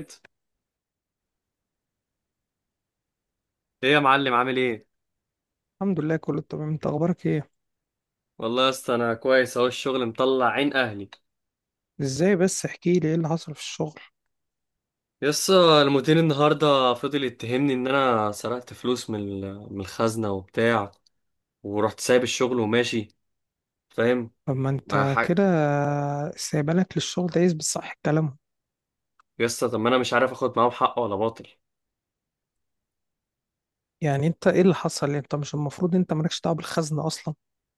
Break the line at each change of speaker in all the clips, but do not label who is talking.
ايه؟ يا معلم عامل ايه؟
الحمد لله، كله تمام. انت اخبارك ايه؟
والله يا اسطى انا كويس اهو، الشغل مطلع عين اهلي.
ازاي؟ بس احكي لي ايه اللي حصل في الشغل.
يا اسطى المدير النهارده فضل يتهمني ان انا سرقت فلوس من الخزنه وبتاع، ورحت سايب الشغل وماشي، فاهم؟
طب ما
مع
انت
حق.
كده استقبالك للشغل ده يثبت صح كلامه.
يا اسطى طب ما انا مش عارف اخد معاهم حق ولا باطل.
يعني انت ايه اللي حصل؟ يعني انت مش المفروض، انت مالكش دعوه بالخزنه اصلا.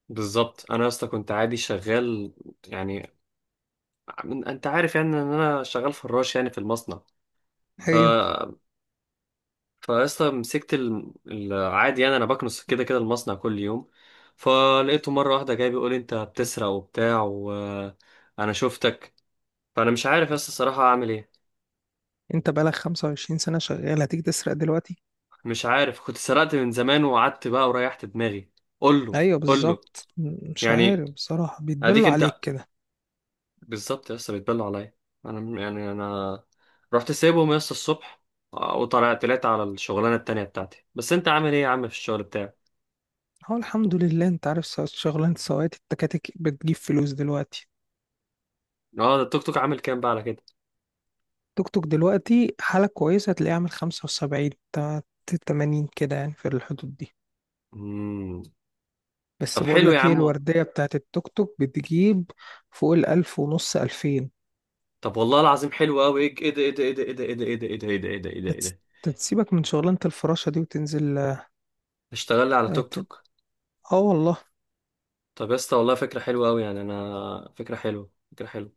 بالظبط انا يا اسطى كنت عادي شغال، يعني انت عارف يعني ان انا شغال فراش يعني في المصنع. ف
ايوه.
فاصلا مسكت العادي، يعني انا بكنس كده كده المصنع كل يوم. فلقيته مره واحده جاي بيقول انت بتسرق وبتاع وانا شفتك. فانا مش عارف يا اسطى الصراحه اعمل ايه.
انت بقالك 25 سنه شغال، هتيجي تسرق دلوقتي؟
مش عارف، كنت سرقت من زمان وقعدت بقى وريحت دماغي. قول له
ايوه،
قول له.
بالظبط. مش
يعني
عارف بصراحه،
اديك
بيتبلوا عليك
انت.
كده.
بالظبط يا اسطى بيتبلوا عليا. انا رحت سايبهم يا اسطى الصبح، وطلعت على الشغلانه التانيه بتاعتي. بس انت عامل ايه يا عم في الشغل بتاعك؟
هو الحمد لله. انت عارف شغلانه سواقة التكاتك بتجيب فلوس دلوقتي.
اه ده التوك توك عامل كام بقى على
توك توك دلوقتي حاله كويسه، هتلاقيه عامل 75 80 كده، يعني في الحدود دي.
كده؟ طب
بس بقول
حلو يا
لك ايه،
عم والله.
الوردية بتاعت التوك توك بتجيب فوق 1500، 2000.
طب والله العظيم حلو قوي. ايه إيه ده ايه ده ايه ده ايه ده ايه ده ايه ده ايه ده ايه ده ايه ده ايه ده ايه
هتس-
ده!
هتسيبك من شغلانة الفراشة دي وتنزل. اه.
اشتغل لي على توك
ت-
توك.
والله،
طب يا اسطى والله فكره حلوه قوي، يعني انا فكره حلوه.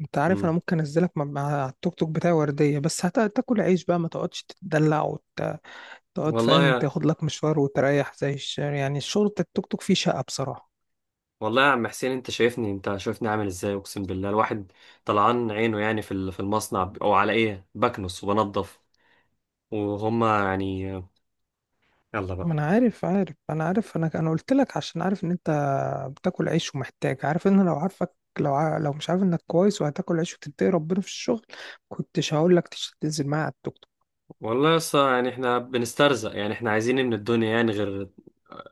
انت عارف انا
امم
ممكن انزلك مع التوك توك بتاعي وردية، بس هتاكل عيش بقى، ما تقعدش تتدلع وتقعد،
والله
فاهم؟
يا،
تاخد لك مشوار وتريح زي يعني الشغل بتاع التوك توك فيه شقة بصراحة.
والله يا عم حسين، انت شايفني، انت شايفني عامل ازاي؟ اقسم بالله الواحد طلعان عينه يعني في المصنع، او على ايه؟ بكنس وبنضف، وهما يعني... يلا بقى.
ما انا عارف، انا قلت لك عشان عارف ان انت بتاكل عيش ومحتاج، عارف ان لو عارفك، لو مش عارف انك كويس وهتاكل عيش وتتقي ربنا في الشغل، كنتش هقول لك تنزل معايا على التوك توك.
والله يا اسطى يعني احنا بنسترزق، يعني احنا عايزين إيه من الدنيا يعني غير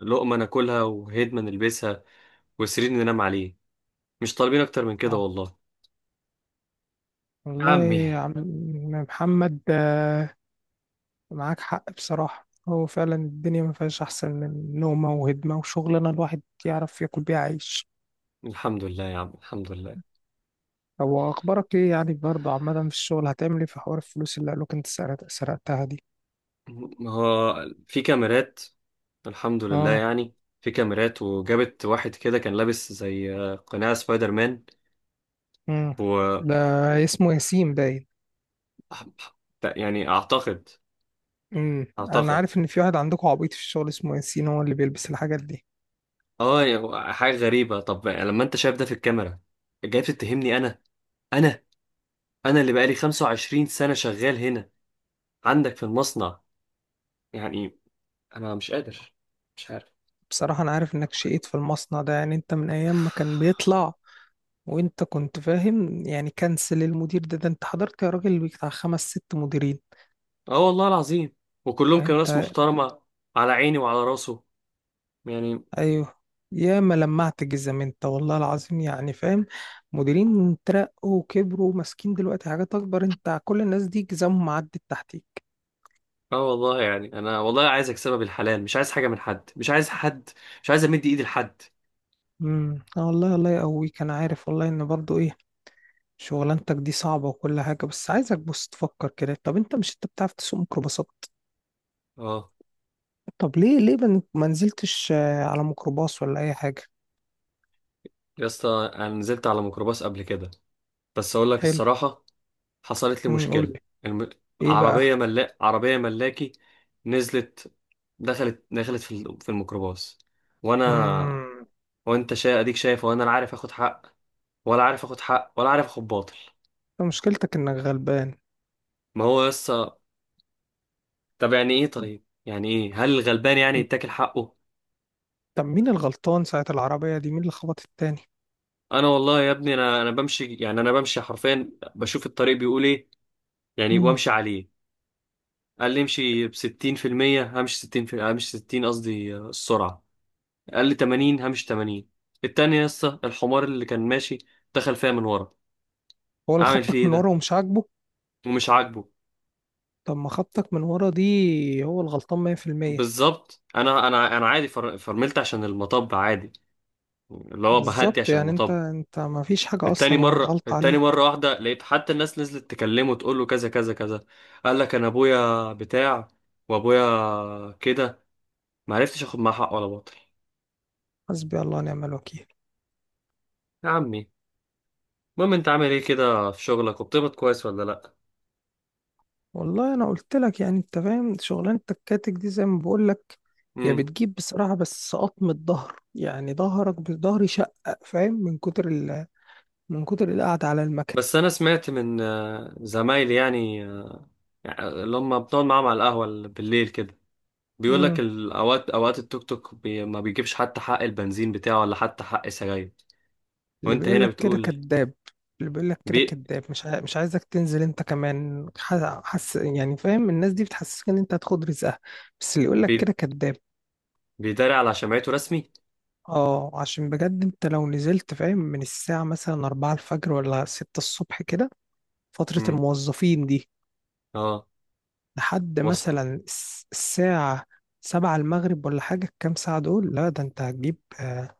لقمه ناكلها، وهدمه نلبسها، وسرير ننام عليه؟ مش طالبين اكتر من كده
اه
والله. يا
والله
عمي.
يا عم محمد. معاك حق بصراحة. هو فعلا الدنيا ما فيهاش احسن من نومة وهدمة وشغلانة الواحد يعرف ياكل بيها عيش.
الحمد لله يا عم، الحمد لله.
هو اخبارك ايه يعني برضه عامة؟ في الشغل هتعمل ايه في حوار الفلوس اللي قالوك انت سرقتها دي؟
ما هو في كاميرات، الحمد لله
اه.
يعني. في كاميرات وجابت واحد كده كان لابس زي قناع سبايدر مان.
امم
و
ده اسمه ياسين باين.
يعني اعتقد
انا
اعتقد
عارف ان في واحد عندكم عبيط في الشغل اسمه ياسين، هو اللي بيلبس الحاجات دي.
اه يعني حاجة غريبة، طب لما انت شايف ده في الكاميرا جاي تتهمني انا؟ انا انا اللي بقالي 25 سنة شغال هنا عندك في المصنع يعني، انا مش قادر. مش
بصراحة انا عارف انك شقيت في المصنع ده، يعني انت من ايام ما كان
عارف.
بيطلع وانت كنت فاهم. يعني كنسل المدير ده انت حضرت يا راجل بتاع خمس ست مديرين.
اه والله العظيم، وكلهم
يعني
كانوا ناس
انت،
محترمة، على عيني وعلى راسه يعني.
ايوه، يا ما لمعت جزم انت والله العظيم، يعني فاهم، مديرين ترقوا وكبروا وماسكين دلوقتي حاجات اكبر، انت كل الناس دي جزمهم عدت تحتيك.
اه والله يعني انا والله عايز اكسبها بالحلال، مش عايز حاجة من حد، مش عايز حد، مش عايز امد ايدي لحد.
والله الله يقويك. انا عارف والله ان برضو ايه، شغلانتك دي صعبة وكل حاجة، بس عايزك بص تفكر كده. طب انت مش انت بتعرف تسوق ميكروباصات؟
اه
طب ليه، ما نزلتش على ميكروباص ولا اي حاجة؟
يا اسطى، انا نزلت على ميكروباص قبل كده، بس اقول لك
حلو.
الصراحة حصلت لي
قول
مشكلة.
لي.
الم...
ايه بقى؟
عربية ملاكي. نزلت، دخلت في الميكروباص وانا...
امم
اديك شايف، وانا لا عارف اخد حق، ولا عارف اخد باطل.
انت مشكلتك انك غلبان.
ما هو يس. طب يعني ايه؟ هل الغلبان يعني
طب،
يتاكل حقه؟
مين الغلطان ساعة العربية دي؟ مين اللي خبط التاني؟
انا والله يا ابني، انا بمشي يعني، انا بمشي حرفيا، بشوف الطريق بيقول ايه يعني
امم
وامشي عليه. قال لي امشي ب 60%، همشي 60 في همشي 60 قصدي السرعه. قال لي 80، همشي 80. التاني يا اسطى الحمار اللي كان ماشي دخل فيا من ورا،
هو اللي
اعمل فيه
خبطك
ايه
من
ده؟
ورا ومش عاجبه؟
ومش عاجبه.
طب ما خبطك من ورا دي، هو الغلطان 100%.
بالظبط، انا عادي، فرملت عشان المطب عادي، اللي هو بهدي
بالظبط،
عشان
يعني انت
المطب.
ما فيش حاجة
التاني
اصلا.
مرة،
غلط عليك.
واحدة لقيت حتى الناس نزلت تكلمه تقول له كذا كذا كذا. قال لك انا ابويا بتاع، وابويا كده، ما عرفتش اخد معاه حق ولا باطل.
حسبي الله ونعم الوكيل.
يا عمي. المهم انت عامل ايه كده في شغلك؟ وبتقبض كويس ولا لا؟
والله انا قلت لك، يعني انت فاهم شغلانه الكاتك دي زي ما بقول لك، هي
امم
بتجيب بصراحه، بس قطم الظهر، يعني ظهرك بظهري شقق، فاهم، من كتر القعده على المكنه.
بس انا سمعت من زمايلي يعني، اللي هم بنقعد معاهم على القهوة بالليل كده، بيقول لك
امم
الاوقات، التوك توك ما بيجيبش حتى حق البنزين بتاعه ولا حتى حق سجاير.
اللي
وانت
بيقول
هنا
لك كده
بتقول.
كذاب، اللي بيقول لك
بي
كده كذاب. مش عايزك تنزل انت كمان. حس يعني، فاهم، الناس دي بتحسسك ان انت هتاخد رزقها، بس اللي يقول لك
بي
كده كذاب.
بيداري على شمعته رسمي.
اه، عشان بجد انت لو نزلت، فاهم، من الساعه مثلا 4 الفجر ولا 6 الصبح كده، فتره
مم.
الموظفين دي،
اه،
لحد
وثقة.
مثلا الساعة 7 المغرب ولا حاجة، الكام ساعة دول، لا ده انت هتجيب،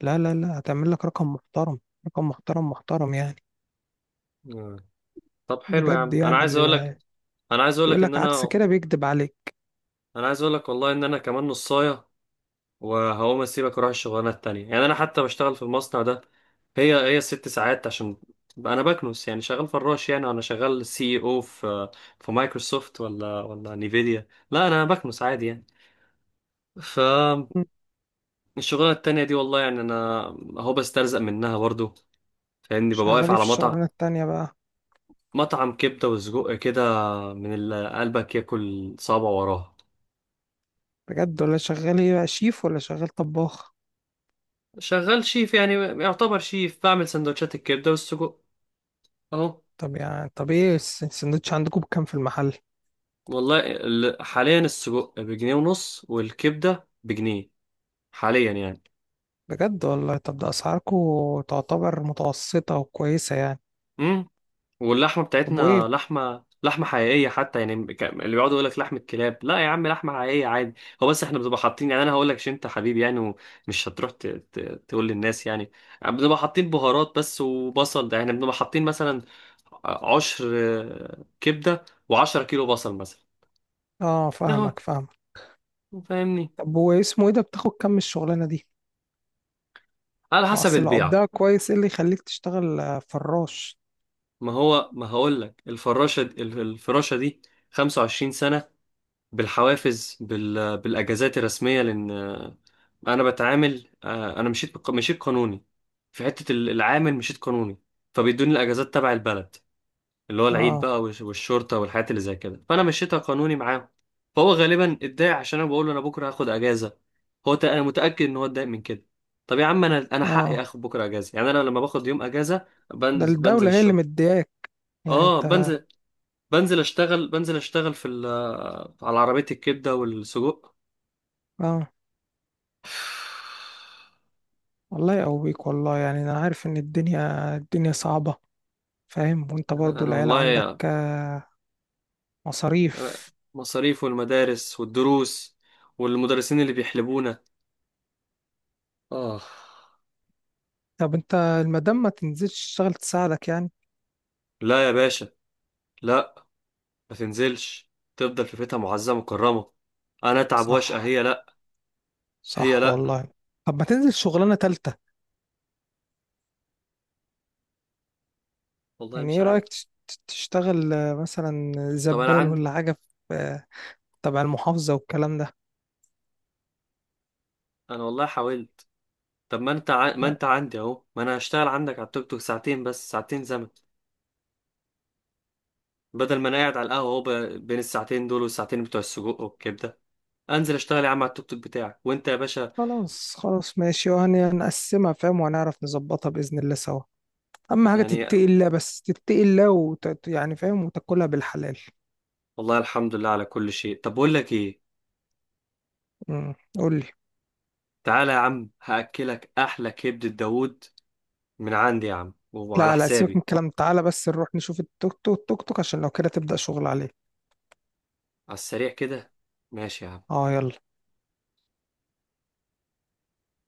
لا لا لا، هتعمل لك رقم محترم، رقم محترم، محترم يعني،
آه. طب حلو يا
بجد،
عم، انا
يعني
عايز اقول لك،
اللي
انا عايز اقول لك
يقول
ان
لك عكس
انا
كده بيكذب عليك.
انا عايز اقول لك والله ان انا كمان نصايه، وهقوم اسيبك واروح الشغلانه التانية يعني. انا حتى بشتغل في المصنع ده هي 6 ساعات عشان بقى انا بكنس، يعني شغال فراش، يعني انا شغال سي او في في مايكروسوفت ولا نيفيديا؟ لا، انا بكنس عادي يعني. ف
مم.
الشغلانه التانية دي والله يعني انا اهو بسترزق منها برضو، فاهمني؟ ببقى
شغال
واقف
ايه في
على مطعم،
الشغلانة التانية بقى؟
مطعم كبدة وسجق كده، من اللي قلبك ياكل صابع وراها.
بجد؟ ولا شغال ايه بقى، شيف ولا شغال طباخ؟
شغال شيف يعني، يعتبر شيف، بعمل سندوتشات الكبدة والسجق اهو.
طب يعني، طب ايه السندوتش عندكم بكام في المحل؟
والله حاليا السجق بجنيه ونص والكبدة بجنيه، حاليا يعني.
بجد والله؟ طب ده اسعاركم تعتبر متوسطة وكويسة يعني.
واللحمه
طب وايه؟
بتاعتنا لحمه، حقيقيه حتى يعني، اللي بيقعدوا يقول لك لحمه كلاب، لا يا عم، لحمه حقيقيه عادي. هو بس احنا بنبقى حاطين، يعني انا هقول لك عشان انت حبيبي يعني، ومش هتروح تقول للناس يعني، بنبقى حاطين بهارات بس وبصل. ده يعني بنبقى حاطين مثلا 10 كبده و10 كيلو بصل مثلا.
اه،
اهو
فاهمك، فاهمك.
فاهمني؟
طب هو اسمه ايه ده؟ بتاخد كام من الشغلانه دي؟
على
ما
حسب
اصل لو
البيعه.
قبضها كويس، ايه اللي يخليك تشتغل فراش؟
ما هو ما هقول لك، الفراشه الفراشه دي 25 سنه، بالحوافز، بالاجازات الرسميه، لان انا بتعامل، انا مشيت مشيت قانوني في حته العامل، مشيت قانوني، فبيدوني الاجازات تبع البلد، اللي هو العيد
اه.
بقى والشرطه والحاجات اللي زي كده، فانا مشيتها قانوني معاهم. فهو غالبا اتضايق عشان انا بقول له انا بكره هاخد اجازه، هو انا متاكد ان هو اتضايق من كده. طب يا عم انا حقي
اه،
اخد بكره اجازه يعني، انا لما باخد يوم اجازه
ده
بنزل
الدوله هي اللي
الشغل.
مدياك، يعني
اه،
انت.
بنزل اشتغل، على عربيه الكبده والسجق.
اه، الله يقويك بيك والله، يعني انا عارف ان الدنيا، الدنيا صعبة، فاهم، وانت
انا
برضو
أنا
العيال عندك
والله
مصاريف.
مصاريف، والمدارس والدروس، والمدرسين اللي بيحلبونا. آه.
طب انت المدام ما تنزلش تشتغل تساعدك يعني؟
لا يا باشا، لا، ما تنزلش، تفضل في بيتها معزة مكرمة. أنا أتعب واشقى،
صح.
هي لا، هي
صح
لا.
والله. طب ما تنزل شغلانة تالتة،
والله
يعني
مش
ايه
عارف.
رأيك؟ تشتغل مثلا
طب أنا
زبال
عندي.
ولا حاجة في تبع المحافظة والكلام ده.
أنا والله حاولت. طب ما أنت ما
ما-
أنت عندي أهو، ما أنا هشتغل عندك على التوك توك ساعتين، بس ساعتين زمن، بدل ما أنا قاعد على القهوة أهو. بين الساعتين دول والساعتين بتوع السجق والكبدة، أنزل أشتغل يا عم على التوك توك بتاعك وأنت يا باشا
خلاص، خلاص ماشي، وهنقسمها فاهم، وهنعرف نظبطها بإذن الله سوا. أهم حاجة
يعني.
تتقي الله، بس تتقي الله يعني فاهم، وتاكلها بالحلال.
والله الحمد لله على كل شيء. طب بقول لك إيه،
قول لي.
تعالى يا عم هأكلك أحلى كبدة داوود من عندي يا عم وعلى
لا، لا سيبك من
حسابي.
الكلام، تعالى بس نروح نشوف التوك توك، عشان لو كده تبدأ شغل عليه.
على السريع كده. ماشي يا عم.
اه يلا.